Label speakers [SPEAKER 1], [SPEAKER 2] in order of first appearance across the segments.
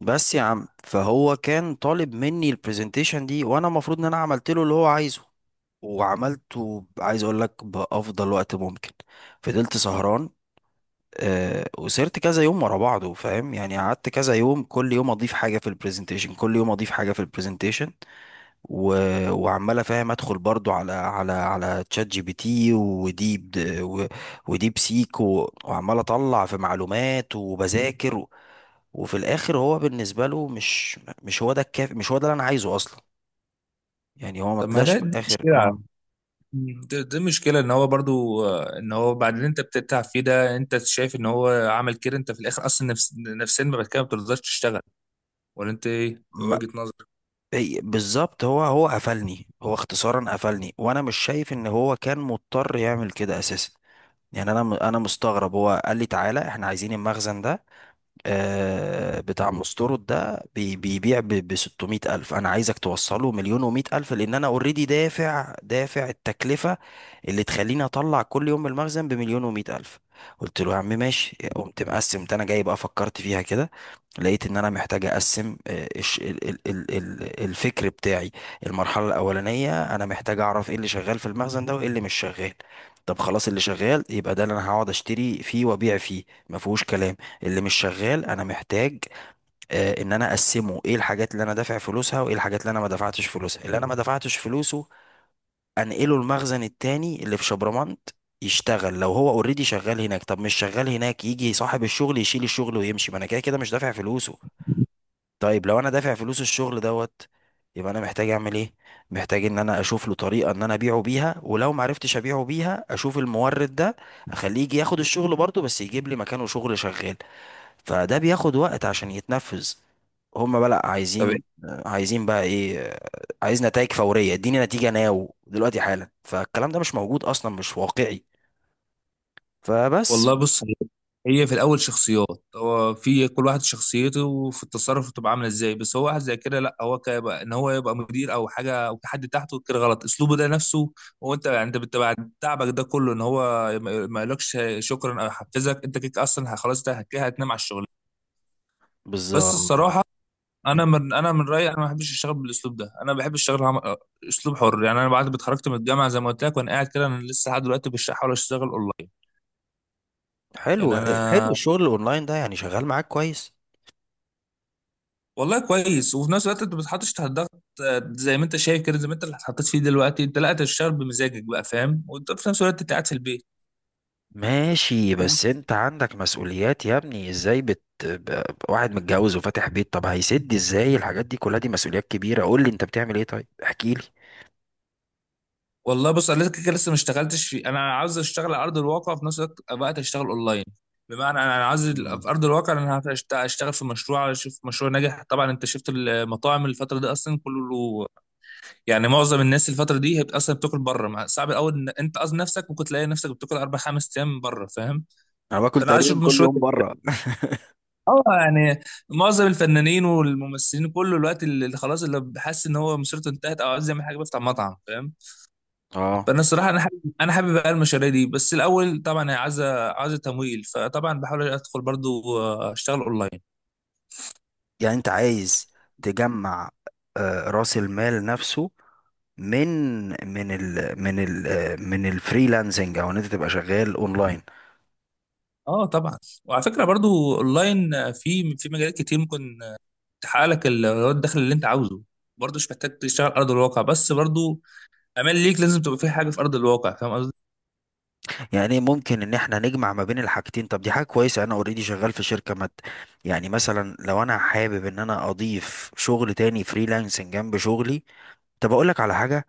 [SPEAKER 1] بس يا عم، فهو كان طالب مني البرزنتيشن دي، وانا المفروض ان انا عملت له اللي هو عايزه. وعملته عايز اقول لك بافضل وقت ممكن. فضلت سهران، وسهرت كذا يوم ورا بعضه، فاهم؟ يعني قعدت كذا يوم، كل يوم اضيف حاجه في البرزنتيشن، كل يوم اضيف حاجه في البرزنتيشن و... وعمال افهم، ادخل برضو على تشات جي بي تي، وديب سيك، وعمال اطلع في معلومات وبذاكر. وفي الاخر هو بالنسبه له مش هو ده الكافي، مش هو ده اللي انا عايزه اصلا. يعني هو ما
[SPEAKER 2] طب ما
[SPEAKER 1] طلعش
[SPEAKER 2] ده
[SPEAKER 1] في
[SPEAKER 2] دي
[SPEAKER 1] الاخر،
[SPEAKER 2] مشكلة.
[SPEAKER 1] اه.
[SPEAKER 2] دي مشكلة ان هو برضو، ان هو بعد اللي انت بتتعب فيه ده، انت شايف ان هو عمل كده، انت في الاخر اصلا نفسيا بعد كده ما بترضاش تشتغل. ولا انت ايه
[SPEAKER 1] ما-
[SPEAKER 2] وجهة نظرك؟
[SPEAKER 1] بالظبط، هو قفلني، هو اختصارا قفلني، وانا مش شايف ان هو كان مضطر يعمل كده اساسا. يعني انا مستغرب، هو قال لي: تعالى احنا عايزين المخزن ده، بتاع مستورد ده بيبيع ب 600 ألف، أنا عايزك توصله مليون و ألف، لأن أنا أوريدي دافع دافع التكلفة اللي تخليني أطلع كل يوم المخزن بمليون و ألف. قلت له: يا عم ماشي. قمت مقسم ده، أنا جاي بقى فكرت فيها كده، لقيت إن أنا محتاج أقسم، الفكر بتاعي. المرحلة الأولانية أنا محتاج أعرف إيه اللي شغال في المخزن ده وإيه اللي مش شغال. طب خلاص، اللي شغال يبقى ده اللي أنا هقعد أشتري فيه وأبيع فيه، ما فيهوش كلام. اللي مش شغال انا محتاج، ان انا اقسمه، ايه الحاجات اللي انا دافع فلوسها وايه الحاجات اللي انا ما دفعتش فلوسه انقله المخزن التاني اللي في شبرمنت، يشتغل. لو هو اوريدي شغال هناك، طب مش شغال هناك، يجي صاحب الشغل يشيل الشغل ويمشي، ما انا كده كده مش دافع فلوسه. طيب لو انا دافع فلوس الشغل دوت، يبقى انا محتاج اعمل ايه؟ محتاج ان انا اشوف له طريقه ان انا ابيعه بيها، ولو ما عرفتش ابيعه بيها اشوف المورد ده اخليه يجي ياخد الشغل برضه، بس يجيب لي مكانه شغل شغال. فده بياخد وقت عشان يتنفذ. هم بقى لأ،
[SPEAKER 2] طب
[SPEAKER 1] عايزين
[SPEAKER 2] إيه؟
[SPEAKER 1] عايزين بقى ايه؟ عايز نتائج فورية، اديني نتيجة ناو دلوقتي حالا. فالكلام ده مش موجود اصلا، مش واقعي. فبس.
[SPEAKER 2] والله بص، هي في الاول شخصيات. هو في كل واحد شخصيته وفي التصرف بتبقى عامله ازاي، بس هو واحد زي كده لا، هو كيبقى ان هو يبقى مدير او حاجه او في حد تحته كده غلط اسلوبه ده نفسه. هو انت، يعني انت بعد تعبك ده كله ان هو ما يقولكش شكرا او يحفزك، انت كده اصلا خلاص، ده كده هتنام على الشغل. بس
[SPEAKER 1] بالظبط.
[SPEAKER 2] الصراحه، انا
[SPEAKER 1] مم.
[SPEAKER 2] من انا من رايي انا ما بحبش اشتغل بالاسلوب ده، انا بحب اشتغل اسلوب حر. يعني انا بعد ما اتخرجت من الجامعه زي ما قلت لك، وانا قاعد كده انا لسه لحد دلوقتي مش بحاول اشتغل اونلاين.
[SPEAKER 1] حلو.
[SPEAKER 2] يعني
[SPEAKER 1] حلو،
[SPEAKER 2] انا،
[SPEAKER 1] الشغل الاونلاين ده يعني شغال معاك كويس؟
[SPEAKER 2] والله كويس، وفي نفس الوقت انت ما بتتحطش تحت ضغط، زي ما انت شايف كده، زي ما انت اللي اتحطيت فيه دلوقتي، انت لا، أنت بتشتغل بمزاجك بقى فاهم، وانت في نفس الوقت انت قاعد في البيت.
[SPEAKER 1] ماشي، بس انت عندك مسؤوليات يا ابني، ازاي واحد متجوز وفاتح بيت؟ طب هيسد ازاي الحاجات دي كلها؟ دي مسؤوليات كبيرة. قول لي انت بتعمل ايه، طيب احكي لي.
[SPEAKER 2] والله بص، انا لسه كده لسه ما اشتغلتش في، انا عاوز اشتغل على ارض الواقع، وفي نفس الوقت اشتغل اونلاين. بمعنى انا عاوز
[SPEAKER 1] مم.
[SPEAKER 2] في ارض الواقع انا هشتغل في مشروع، اشوف مشروع ناجح. طبعا انت شفت المطاعم الفتره دي اصلا كله، يعني معظم الناس الفتره دي هي اصلا بتاكل بره، صعب الاول ان انت اصلا نفسك ممكن تلاقي نفسك بتاكل اربع خمس ايام بره فاهم.
[SPEAKER 1] انا باكل
[SPEAKER 2] فانا عايز اشوف
[SPEAKER 1] تقريبا كل
[SPEAKER 2] مشروع
[SPEAKER 1] يوم
[SPEAKER 2] كده.
[SPEAKER 1] بره.
[SPEAKER 2] اه يعني معظم الفنانين والممثلين كله، الوقت اللي خلاص، اللي حاسس ان هو مسيرته انتهت او عايز يعمل حاجه بيفتح مطعم فاهم.
[SPEAKER 1] اه
[SPEAKER 2] فانا الصراحه، انا حابب بقى المشاريع دي، بس الاول طبعا هي عايزه تمويل، فطبعا بحاول ادخل برضو، اشتغل اونلاين.
[SPEAKER 1] يعني انت عايز تجمع، راس المال نفسه، من من ال من ال آه، من الفريلانسنج، او ان انت تبقى شغال اونلاين.
[SPEAKER 2] اه طبعا. وعلى فكره برضو اونلاين، في مجالات كتير ممكن تحقق لك الدخل اللي انت عاوزه. برضو مش محتاج تشتغل على ارض الواقع بس، برضو امال ليك لازم تبقى في حاجه في ارض الواقع، فاهم قصدي؟
[SPEAKER 1] يعني ايه، ممكن ان احنا نجمع ما بين الحاجتين؟ طب دي حاجه كويسه، انا اوريدي شغال في شركه مت. يعني مثلا لو انا حابب ان انا اضيف شغل تاني فريلانسنج جنب شغلي. طب اقول لك على حاجه،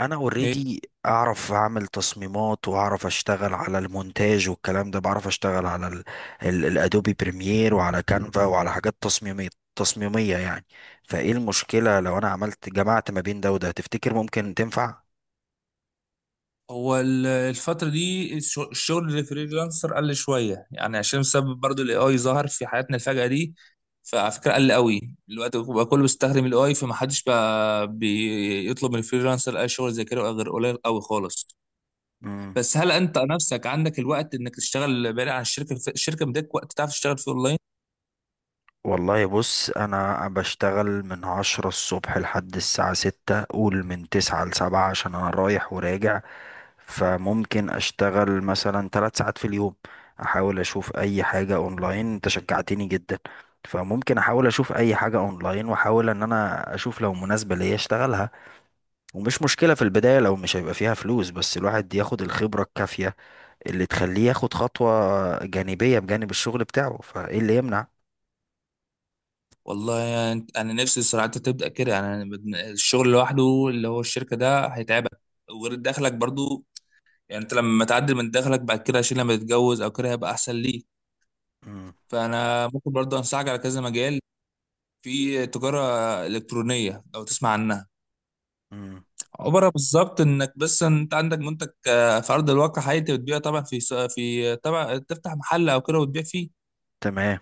[SPEAKER 1] انا اوريدي اعرف اعمل تصميمات واعرف اشتغل على المونتاج والكلام ده، بعرف اشتغل على الادوبي بريمير، وعلى كانفا، وعلى حاجات تصميمية يعني. فايه المشكلة لو انا عملت جمعت ما بين ده وده، تفتكر ممكن تنفع؟
[SPEAKER 2] هو الفترة دي الشغل الفريلانسر قل شوية، يعني عشان بسبب برضو الاي اي ظهر في حياتنا الفجأة دي. فعلى فكرة قل
[SPEAKER 1] مم.
[SPEAKER 2] قوي دلوقتي بقى، كله بيستخدم الاي اي، فمحدش بقى بيطلب من الفريلانسر اي شغل زي كده بقى غير قليل قوي خالص.
[SPEAKER 1] مم.
[SPEAKER 2] بس هل انت نفسك عندك الوقت انك تشتغل بعيد عن الشركة مديك وقت تعرف تشتغل فيه اونلاين؟
[SPEAKER 1] والله بص، انا بشتغل من 10 الصبح لحد الساعة 6، قول من تسعة لسبعة، عشان انا رايح وراجع. فممكن اشتغل مثلا 3 ساعات في اليوم، احاول اشوف اي حاجة اونلاين. انت شجعتني جدا. فممكن احاول اشوف اي حاجة اونلاين، واحاول ان انا اشوف لو مناسبة ليا اشتغلها. ومش مشكلة في البداية لو مش هيبقى فيها فلوس، بس الواحد ياخد الخبرة الكافية اللي تخليه ياخد خطوة جانبية بجانب الشغل بتاعه. فايه اللي يمنع؟
[SPEAKER 2] والله يعني انا نفسي الصراحة انت تبدأ كده، يعني أنا الشغل لوحده اللي هو الشركة ده هيتعبك، وغير دخلك برضو، يعني انت لما تعدل من دخلك بعد كده عشان لما تتجوز او كده هيبقى احسن ليك.
[SPEAKER 1] مم.
[SPEAKER 2] فانا ممكن برضه انصحك على كذا مجال، في تجاره الكترونيه لو تسمع عنها.
[SPEAKER 1] مم.
[SPEAKER 2] عباره بالظبط انك بس انت عندك منتج، في ارض الواقع حقيقي انت بتبيعه، طبعا في طبعا تفتح محل او كده وتبيع فيه.
[SPEAKER 1] تمام.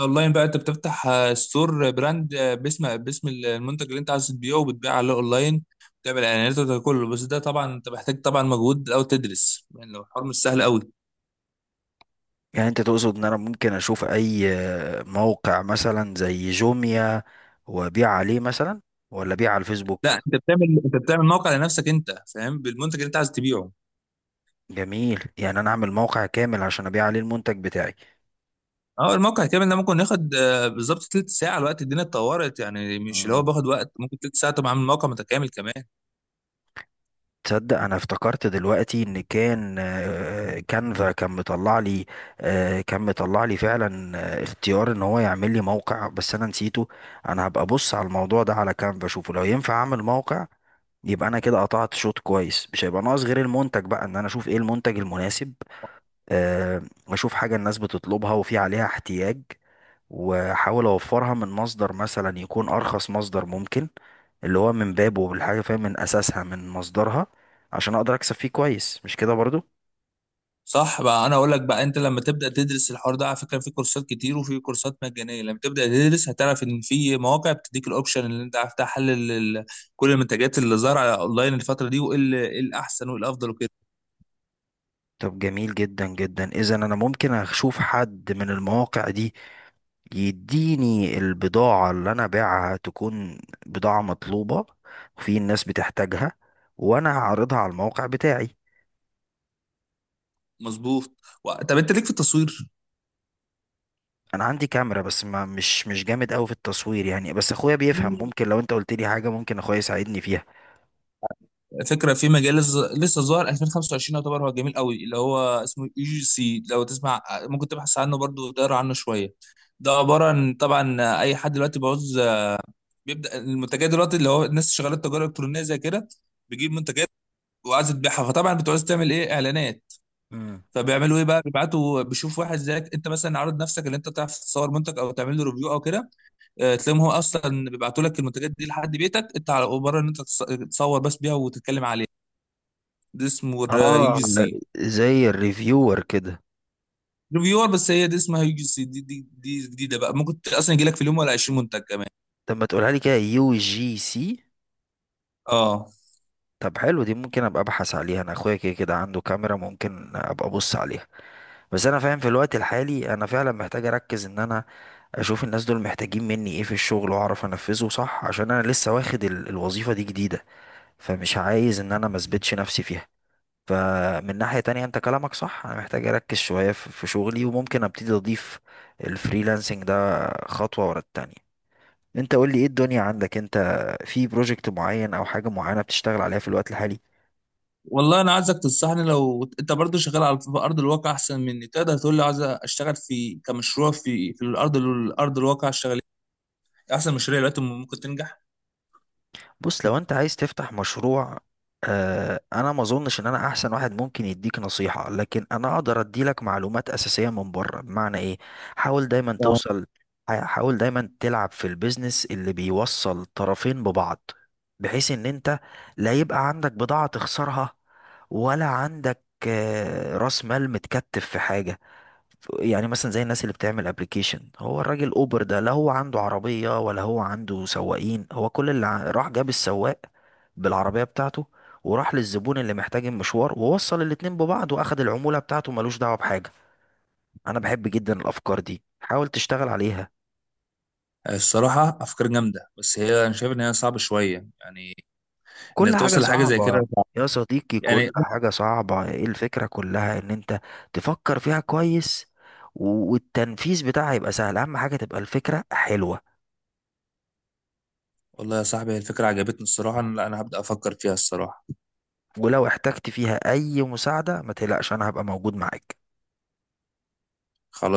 [SPEAKER 2] اونلاين بقى انت بتفتح، ستور براند، باسم المنتج اللي انت عايز تبيعه، وبتبيع عليه اونلاين. تعمل اعلانات وده كله، بس ده طبعا انت محتاج طبعا مجهود او تدرس، يعني لو الحوار مش سهل قوي.
[SPEAKER 1] يعني انت تقصد ان انا ممكن اشوف اي موقع مثلا زي جوميا، وابيع عليه مثلا؟ ولا ابيع على
[SPEAKER 2] لا،
[SPEAKER 1] الفيسبوك؟
[SPEAKER 2] انت بتعمل موقع لنفسك انت فاهم، بالمنتج اللي انت عايز تبيعه.
[SPEAKER 1] جميل، يعني انا اعمل موقع كامل عشان ابيع عليه المنتج بتاعي.
[SPEAKER 2] اه الموقع كامل ده ممكن ياخد، بالظبط تلت ساعه. الوقت الدنيا اتطورت، يعني مش اللي هو باخد وقت، ممكن تلت ساعه تبقى عامل موقع متكامل كمان.
[SPEAKER 1] تصدق انا افتكرت دلوقتي ان كان، كانفا كان مطلع لي، كان مطلع لي فعلا اختيار ان هو يعمل لي موقع، بس انا نسيته. انا هبقى ابص على الموضوع ده على كانفا، اشوفه لو ينفع اعمل موقع. يبقى انا كده قطعت شوط كويس، مش هيبقى ناقص غير المنتج بقى، ان انا اشوف ايه المنتج المناسب، آه، واشوف حاجة الناس بتطلبها وفي عليها احتياج، واحاول اوفرها من مصدر مثلا يكون ارخص مصدر ممكن، اللي هو من بابه الحاجه فاهم، من اساسها، من مصدرها، عشان اقدر اكسب فيه كويس. مش كده برضو؟
[SPEAKER 2] صح بقى. انا اقول لك بقى، انت لما تبدا تدرس الحوار ده، على فكره في كورسات كتير وفي كورسات مجانيه، لما تبدا تدرس هتعرف ان في مواقع بتديك الاوبشن اللي انت عارف تحلل كل المنتجات اللي ظاهره على اونلاين الفتره دي، إيه الاحسن وايه الافضل وكده.
[SPEAKER 1] طب جميل جدا جدا، اذا انا ممكن اشوف حد من المواقع دي يديني البضاعه، اللي انا باعها تكون بضاعه مطلوبه وفي الناس بتحتاجها، وانا هعرضها على الموقع بتاعي.
[SPEAKER 2] مظبوط. طب انت ليك في التصوير؟
[SPEAKER 1] انا عندي كاميرا، بس ما مش جامد قوي في التصوير يعني، بس اخويا بيفهم، ممكن لو انت قلت لي حاجه ممكن اخويا يساعدني فيها.
[SPEAKER 2] فكره في مجال لسه لسه ظاهر 2025 يعتبر، هو جميل قوي، اللي هو اسمه اي جي سي لو تسمع، ممكن تبحث عنه برضو وتقرا عنه شويه. ده عباره عن، طبعا اي حد دلوقتي بعوز، بيبدا المنتجات دلوقتي، اللي هو الناس شغاله تجاره الكترونيه زي كده، بيجيب منتجات وعايز تبيعها، فطبعا بتعوز تعمل ايه اعلانات.
[SPEAKER 1] مم.
[SPEAKER 2] فبيعملوا ايه بقى، بيبعتوا بيشوف واحد زيك انت مثلا عارض نفسك ان انت تعرف تصور منتج او تعمل له ريفيو او كده، تلاقيهم هو اصلا بيبعتوا لك المنتجات دي لحد بيتك انت، على مجرد ان انت تصور بس بيها وتتكلم عليها. دي اسمه يو
[SPEAKER 1] اه،
[SPEAKER 2] جي سي.
[SPEAKER 1] زي الريفيور كده.
[SPEAKER 2] ريفيور، بس هي دي اسمها يو جي سي، دي جديده بقى، ممكن اصلا يجي لك في اليوم ولا 20 منتج كمان.
[SPEAKER 1] طب ما تقولها لي كده؟ يو جي سي.
[SPEAKER 2] اه.
[SPEAKER 1] طب حلو، دي ممكن ابقى ابحث عليها، انا اخويا كده كده عنده كاميرا، ممكن ابقى ابص عليها. بس انا فاهم في الوقت الحالي انا فعلا محتاج اركز، ان انا اشوف الناس دول محتاجين مني ايه في الشغل واعرف انفذه صح، عشان انا لسه واخد الوظيفة دي جديدة، فمش عايز ان انا ما اثبتش نفسي فيها. فمن ناحية تانية انت كلامك صح، انا محتاج اركز شوية في شغلي، وممكن ابتدي اضيف الفريلانسنج ده خطوة ورا التانية. انت قول لي ايه الدنيا عندك انت؟ في بروجكت معين او حاجة معينة بتشتغل عليها في الوقت الحالي؟
[SPEAKER 2] والله انا عايزك تنصحني، لو انت برضو شغال على في ارض الواقع احسن مني، تقدر تقول لي عايز اشتغل في كمشروع في الارض الواقع اشتغل، إيه؟ احسن مشاريع دلوقتي ممكن تنجح؟
[SPEAKER 1] بص، لو انت عايز تفتح مشروع، آه، انا ما اظنش ان انا احسن واحد ممكن يديك نصيحة، لكن انا اقدر اديلك معلومات اساسية من بره. بمعنى ايه؟ حاول دايما
[SPEAKER 2] آه.
[SPEAKER 1] توصل، حاول دايما تلعب في البيزنس اللي بيوصل طرفين ببعض، بحيث ان انت لا يبقى عندك بضاعة تخسرها، ولا عندك راس مال متكتف في حاجة. يعني مثلا زي الناس اللي بتعمل ابلكيشن، هو الراجل اوبر ده لا هو عنده عربية ولا هو عنده سواقين، هو كل اللي راح جاب السواق بالعربية بتاعته، وراح للزبون اللي محتاج المشوار، ووصل الاتنين ببعض، واخد العمولة بتاعته، ملوش دعوة بحاجة. انا بحب جدا الافكار دي، حاول تشتغل عليها.
[SPEAKER 2] الصراحة أفكار جامدة، بس هي أنا شايف إن هي صعبة شوية. يعني إنك
[SPEAKER 1] كل حاجة
[SPEAKER 2] توصل لحاجة زي كده
[SPEAKER 1] صعبة.
[SPEAKER 2] صعب.
[SPEAKER 1] يا صديقي،
[SPEAKER 2] يعني.
[SPEAKER 1] كل حاجة صعبة، ايه الفكرة كلها؟ ان انت تفكر فيها كويس، والتنفيذ بتاعها يبقى سهل، اهم حاجة تبقى الفكرة حلوة.
[SPEAKER 2] والله يا صاحبي الفكرة عجبتني الصراحة، لا أنا هبدأ أفكر فيها الصراحة.
[SPEAKER 1] ولو احتجت فيها اي مساعدة ما تقلقش، انا هبقى موجود معاك.
[SPEAKER 2] خلاص